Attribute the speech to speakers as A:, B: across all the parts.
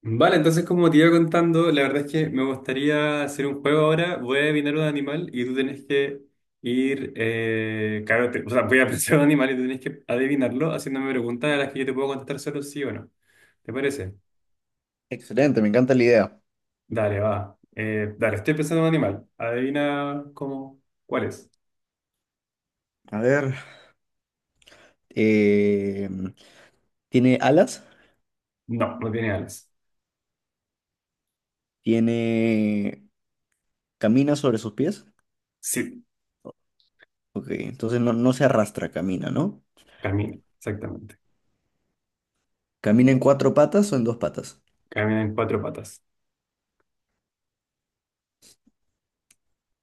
A: Vale, entonces como te iba contando, la verdad es que me gustaría hacer un juego ahora. Voy a adivinar un animal y tú tenés que ir, claro, voy a pensar un animal y tú tenés que adivinarlo haciéndome preguntas a las que yo te puedo contestar solo sí o no. ¿Te parece?
B: Excelente, me encanta la idea.
A: Dale, va. Dale, estoy pensando en un animal. Adivina cómo, cuál es.
B: A ver, eh, ¿tiene alas?
A: No, no tiene alas.
B: ¿Tiene... ¿Camina sobre sus pies?
A: Sí,
B: Ok, entonces no se arrastra, camina, ¿no?
A: camina, exactamente.
B: ¿Camina en cuatro patas o en dos patas?
A: Camina en cuatro patas.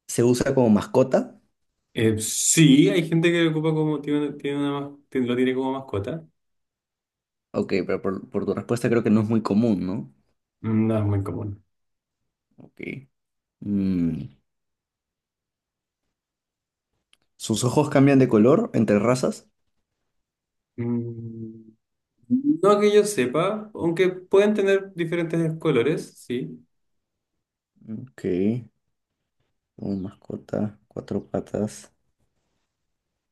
B: ¿Se usa como mascota?
A: Sí, hay gente que ocupa como, tiene, lo tiene como mascota.
B: Ok, pero por tu respuesta creo que no es muy común, ¿no?
A: No es muy común.
B: Ok. Mm, ¿sus ojos cambian de color entre razas?
A: Mm, no que yo sepa, aunque pueden tener diferentes colores, sí.
B: Ok, como mascota, cuatro patas.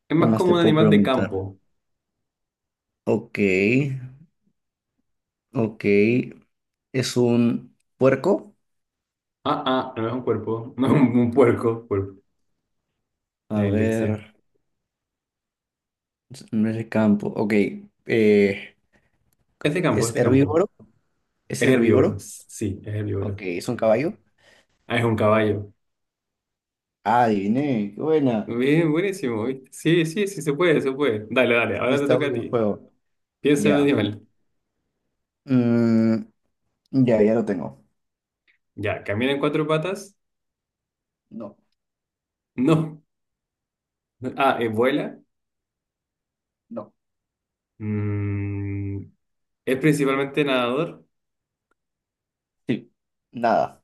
A: Es
B: ¿Qué
A: más
B: más
A: como
B: te
A: un
B: puedo
A: animal de
B: preguntar?
A: campo.
B: Ok, ok. ¿Es un puerco?
A: Ah, ah, no es un cuerpo, no es un puerco, cuerpo.
B: A
A: La dislexia.
B: ver, no es el campo. Ok, eh,
A: Es de campo, es
B: ¿es
A: de campo.
B: herbívoro? ¿Es
A: Es herbívoro,
B: herbívoro?
A: sí, es
B: Ok,
A: herbívoro.
B: ¿es un caballo?
A: Ah, es un caballo.
B: Ah, adiviné, qué buena.
A: Bien, buenísimo, ¿viste? Sí, sí, sí, se puede, se puede. Dale, dale, ahora te
B: Está
A: toca a
B: bueno el
A: ti.
B: juego.
A: Piensa en un
B: Ya.
A: animal.
B: Mm, ya lo tengo.
A: Ya, ¿camina en cuatro patas?
B: No,
A: No. Ah, ¿vuela?
B: no.
A: Mm, ¿es principalmente nadador?
B: Sí, nada.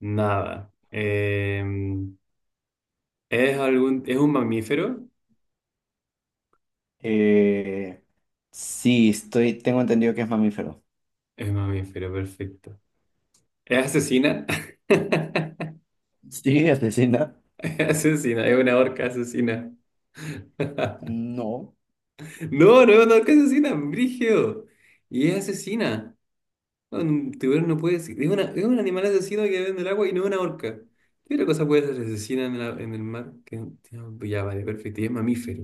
A: Nada. ¿Es un mamífero?
B: Eh, sí, tengo entendido que es mamífero.
A: Es un mamífero, perfecto. ¿Es asesina?
B: Sí, asesina.
A: Es asesina, es una orca asesina.
B: No,
A: No, no es una orca asesina, brígido. Y es asesina. Un tiburón no puede ser. Es un animal asesino que vive en el agua y no es una orca. ¿Qué otra cosa puede ser asesina en el mar? Ya, vale, perfecto. Y es mamífero.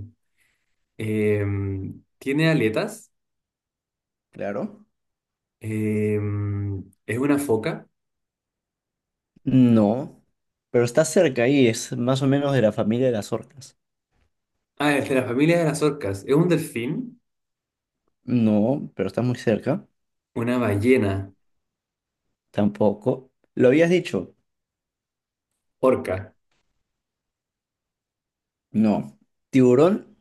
A: Eh, ¿Tiene aletas?
B: claro.
A: Eh, ¿Es una foca?
B: No, pero está cerca ahí, es más o menos de la familia de las orcas.
A: Ah, es de la familia de las orcas. ¿Es un delfín?
B: No, pero está muy cerca.
A: Una ballena.
B: Tampoco. ¿Lo habías dicho?
A: Orca.
B: No. ¿Tiburón?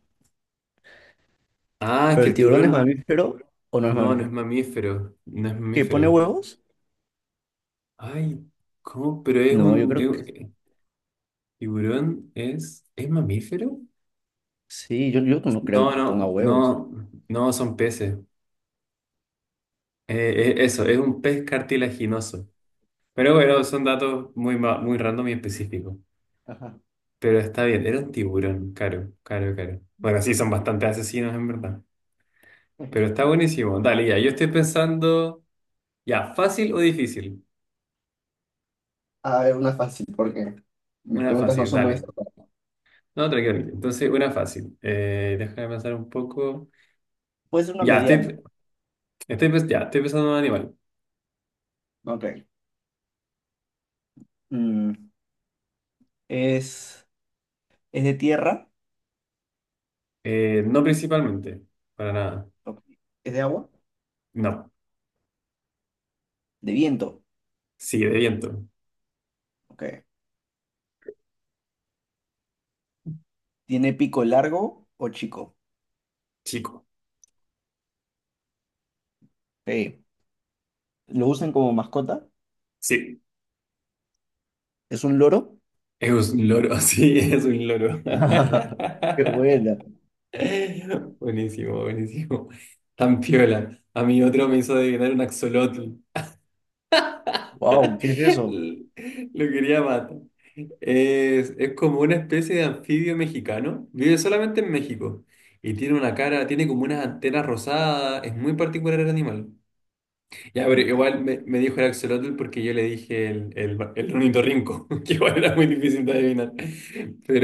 A: Ah, es
B: ¿Pero
A: que
B: el
A: el
B: tiburón es Ah,
A: tiburón.
B: mamífero o no es
A: No, no es
B: mamífero?
A: mamífero. No es
B: ¿Que pone
A: mamífero.
B: huevos?
A: Ay, ¿cómo?
B: No, yo creo que
A: ¿Tiburón es? ¿Es mamífero?
B: sí. Yo no creo
A: No,
B: que ponga
A: no,
B: huevos.
A: no. No, son peces. Eso, es un pez cartilaginoso. Pero bueno, son datos muy random y específicos.
B: Ajá.
A: Pero está bien, era un tiburón. Caro, caro, caro. Bueno, sí, son bastante asesinos en verdad. Pero está
B: Sí.
A: buenísimo. Dale, ya. Yo estoy pensando, ya, fácil o difícil.
B: A ver, una fácil, porque mis
A: Una
B: preguntas no
A: fácil,
B: son muy
A: dale.
B: acertadas.
A: No, tranquilo. Entonces, una fácil. Déjame pensar un poco.
B: Puede ser una
A: Ya,
B: mediana.
A: ya, estoy pensando en un animal.
B: Ok. Mm, ¿Es, ¿es de tierra?
A: No principalmente, para nada.
B: Ok. ¿Es de agua?
A: No.
B: ¿De viento?
A: Sí, de viento.
B: Ok. ¿Tiene pico largo o chico?
A: Chico.
B: Ok. ¿Lo usan como mascota?
A: Sí.
B: ¿Es un loro?
A: Es un loro, sí, es un loro.
B: Qué buena.
A: Buenísimo, buenísimo. Tan piola. A mí otro me hizo adivinar un axolotl.
B: Wow, ¿qué es eso?
A: Lo quería matar. Es como una especie de anfibio mexicano. Vive solamente en México. Y tiene una cara, tiene como unas antenas rosadas. Es muy particular el animal. Ya, pero
B: Ya.
A: igual me dijo el axolotl porque yo le dije el ornitorrinco, que igual era muy difícil de adivinar.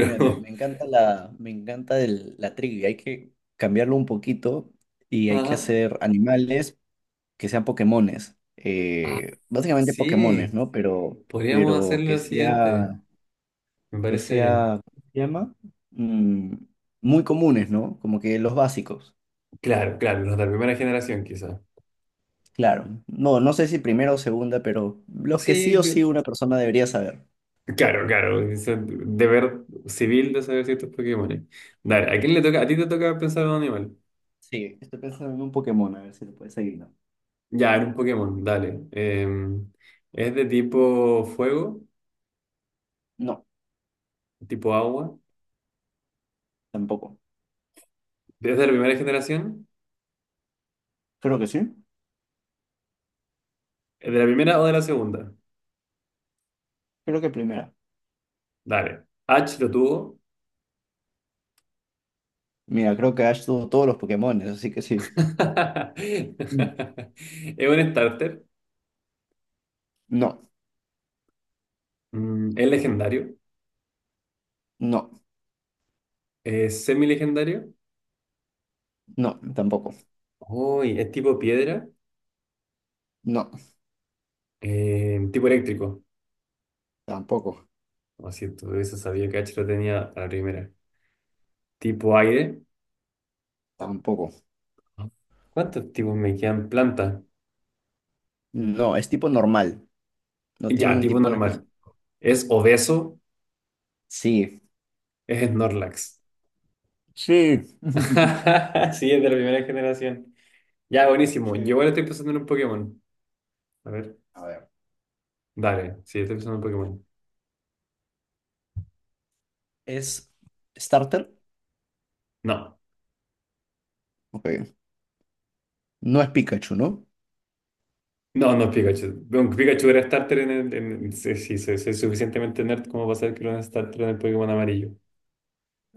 B: Mira, me encanta me encanta la trivia. Hay que cambiarlo un poquito y hay que
A: ajá.
B: hacer animales que sean Pokémones.
A: Ah,
B: Básicamente Pokémones,
A: sí,
B: ¿no? Pero,
A: podríamos hacer
B: pero
A: lo siguiente. Me
B: que
A: parece bien.
B: sea, ¿cómo se llama? Mm, muy comunes, ¿no? Como que los básicos.
A: Claro, claro, los de la primera generación quizás.
B: Claro. No, no sé si primera o segunda, pero los que sí
A: Sí,
B: o sí una persona debería saber.
A: claro, claro, ese deber civil de saber ciertos Pokémones. Dale, ¿a quién le toca? A ti te toca pensar en un animal.
B: Sí, estoy pensando en un Pokémon, a ver si lo puedes seguir. No,
A: Ya, en un Pokémon, dale. ¿Es de tipo fuego?
B: no,
A: ¿Tipo agua?
B: tampoco.
A: ¿Es de la primera generación?
B: Creo que sí.
A: ¿Es de la primera o de la segunda?
B: Creo que primera.
A: Dale. H lo tuvo.
B: Mira, creo que Ash tuvo todos los Pokémon, así que sí. Mm.
A: ¿Es un starter?
B: No,
A: Mm, ¿es legendario?
B: no,
A: ¿Es semi-legendario?
B: no, tampoco.
A: Uy, ¿es tipo piedra?
B: No,
A: ¿Tipo eléctrico?
B: tampoco,
A: Lo siento, eso sabía que H lo tenía a la primera. Tipo aire.
B: tampoco.
A: ¿Cuántos tipos me quedan? Planta.
B: No, es tipo normal. No tiene
A: Ya,
B: un
A: tipo
B: tipo en especial.
A: normal. Es obeso,
B: Sí.
A: es Snorlax.
B: Sí.
A: Sí, es de la primera generación. Ya, buenísimo. Yo
B: Sí.
A: ahora estoy pensando en un Pokémon. A ver,
B: A ver.
A: dale. Sí, estoy pensando en un Pokémon.
B: ¿Es starter?
A: No,
B: Ok. No es Pikachu, ¿no?
A: no, no es Pikachu. Un Pikachu era starter en sí, sí, soy suficientemente nerd como para saber que era un starter en el Pokémon amarillo.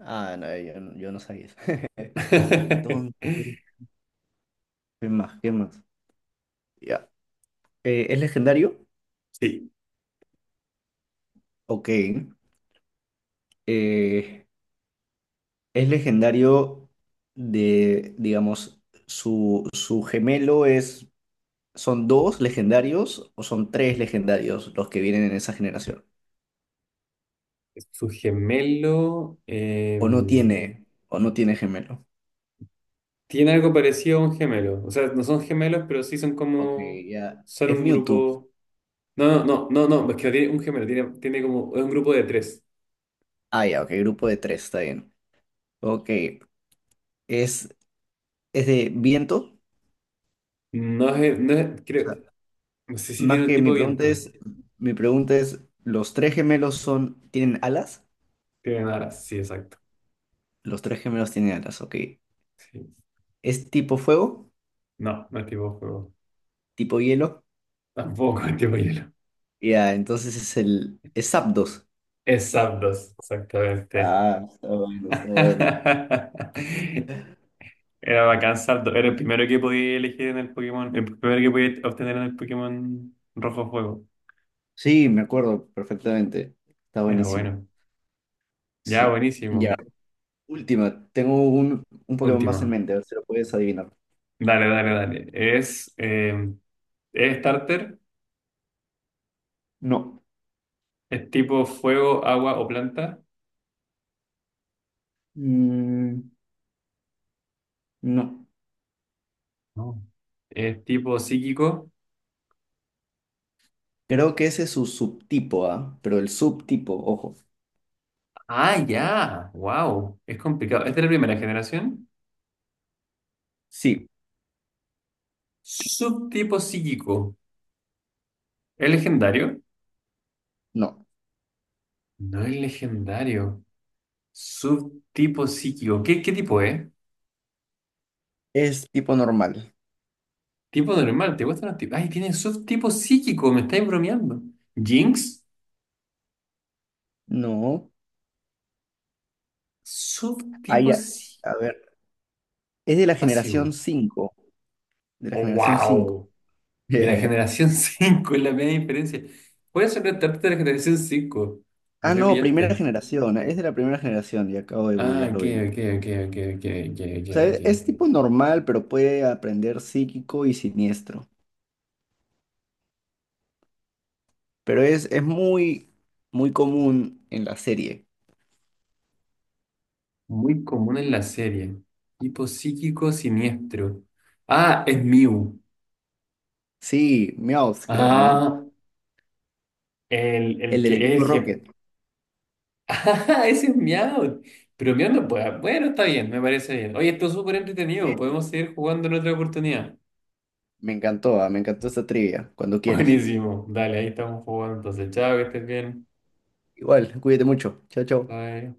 B: Ah, no, yo no sabía eso. Entonces, ¿qué más? ¿Qué más? Ya. ¿Es legendario?
A: Sí.
B: Ok, eh, es legendario de, digamos, su gemelo es, ¿son dos legendarios o son tres legendarios los que vienen en esa generación?
A: Su gemelo... em,
B: O no tiene gemelo.
A: Tiene algo parecido a un gemelo. O sea, no son gemelos, pero sí son
B: Ok,
A: como.
B: ya,
A: Son
B: es
A: un
B: Mewtwo.
A: grupo. No, no, no, no, no. Es que no tiene un gemelo, tiene como. Es un grupo de 3.
B: Ah, ya, ok, grupo de tres, está bien. Ok, es, es de viento. O
A: Creo,
B: sea,
A: no sé si tiene
B: más
A: un
B: que
A: tipo de viento.
B: mi pregunta es, ¿los tres gemelos son, tienen alas?
A: Tiene alas, sí, exacto.
B: Los tres gemelos tienen alas, ok.
A: Sí.
B: ¿Es tipo fuego?
A: No, no es tipo fuego.
B: Tipo hielo.
A: Tampoco es tipo hielo.
B: Ya, entonces es el... Es Zapdos.
A: Es Zapdos, exactamente.
B: Ah, está bueno, está bueno.
A: Era bacán Zapdos. Era el primero que podía elegir en el Pokémon. El primero que podía obtener en el Pokémon Rojo Fuego.
B: Sí, me acuerdo perfectamente. Está
A: Era
B: buenísimo.
A: bueno. Ya,
B: Sí. Ya.
A: buenísimo.
B: Última. Tengo un Pokémon más en
A: Última.
B: mente. A ver si lo puedes adivinar.
A: Dale, dale, dale. Es starter,
B: No.
A: es tipo fuego, agua o planta,
B: Mm, no.
A: no. Es tipo psíquico.
B: Creo que ese es su subtipo, ¿ah? Pero el subtipo, ojo.
A: Ah, ya. Wow. Es complicado. Es de la primera generación.
B: Sí.
A: Subtipo psíquico. ¿Es legendario?
B: No.
A: No es legendario. Subtipo psíquico. ¿Qué tipo es?
B: Es tipo normal.
A: Tipo normal. ¿Te gustan los tipos? Ay, tiene subtipo psíquico. Me estáis bromeando. Jinx.
B: No.
A: Subtipo
B: Ay,
A: psíquico.
B: a ver. Es de la generación 5. De la generación 5.
A: Wow. De la generación 5 es la media diferencia. Puedes sorprenderte de la generación 5. Me
B: Ah, no, primera
A: repillaste.
B: generación, es de la primera generación y acabo de
A: Ah,
B: googlearlo
A: ok,
B: bien.
A: ok, ok, ok, ok, ok, ok,
B: O sea,
A: ok.
B: es tipo normal, pero puede aprender psíquico y siniestro. Pero es muy, muy común en la serie.
A: Muy común en la serie. Tipo psíquico siniestro. Ah, es Mew.
B: Sí, Meowth, creo, ¿no?
A: Ah, el, el
B: El
A: que
B: del equipo
A: el que.
B: Rocket.
A: Ah, ese es Meow. Pero Meow no puede. Bueno, está bien, me parece bien. Oye, esto es súper entretenido.
B: Sí,
A: Podemos seguir jugando en otra oportunidad.
B: me encantó, ah, me encantó esta trivia, cuando quieras.
A: Buenísimo. Dale, ahí estamos jugando. Entonces, chao, que estés bien.
B: Igual, cuídate mucho. Chao, chao.
A: Bye.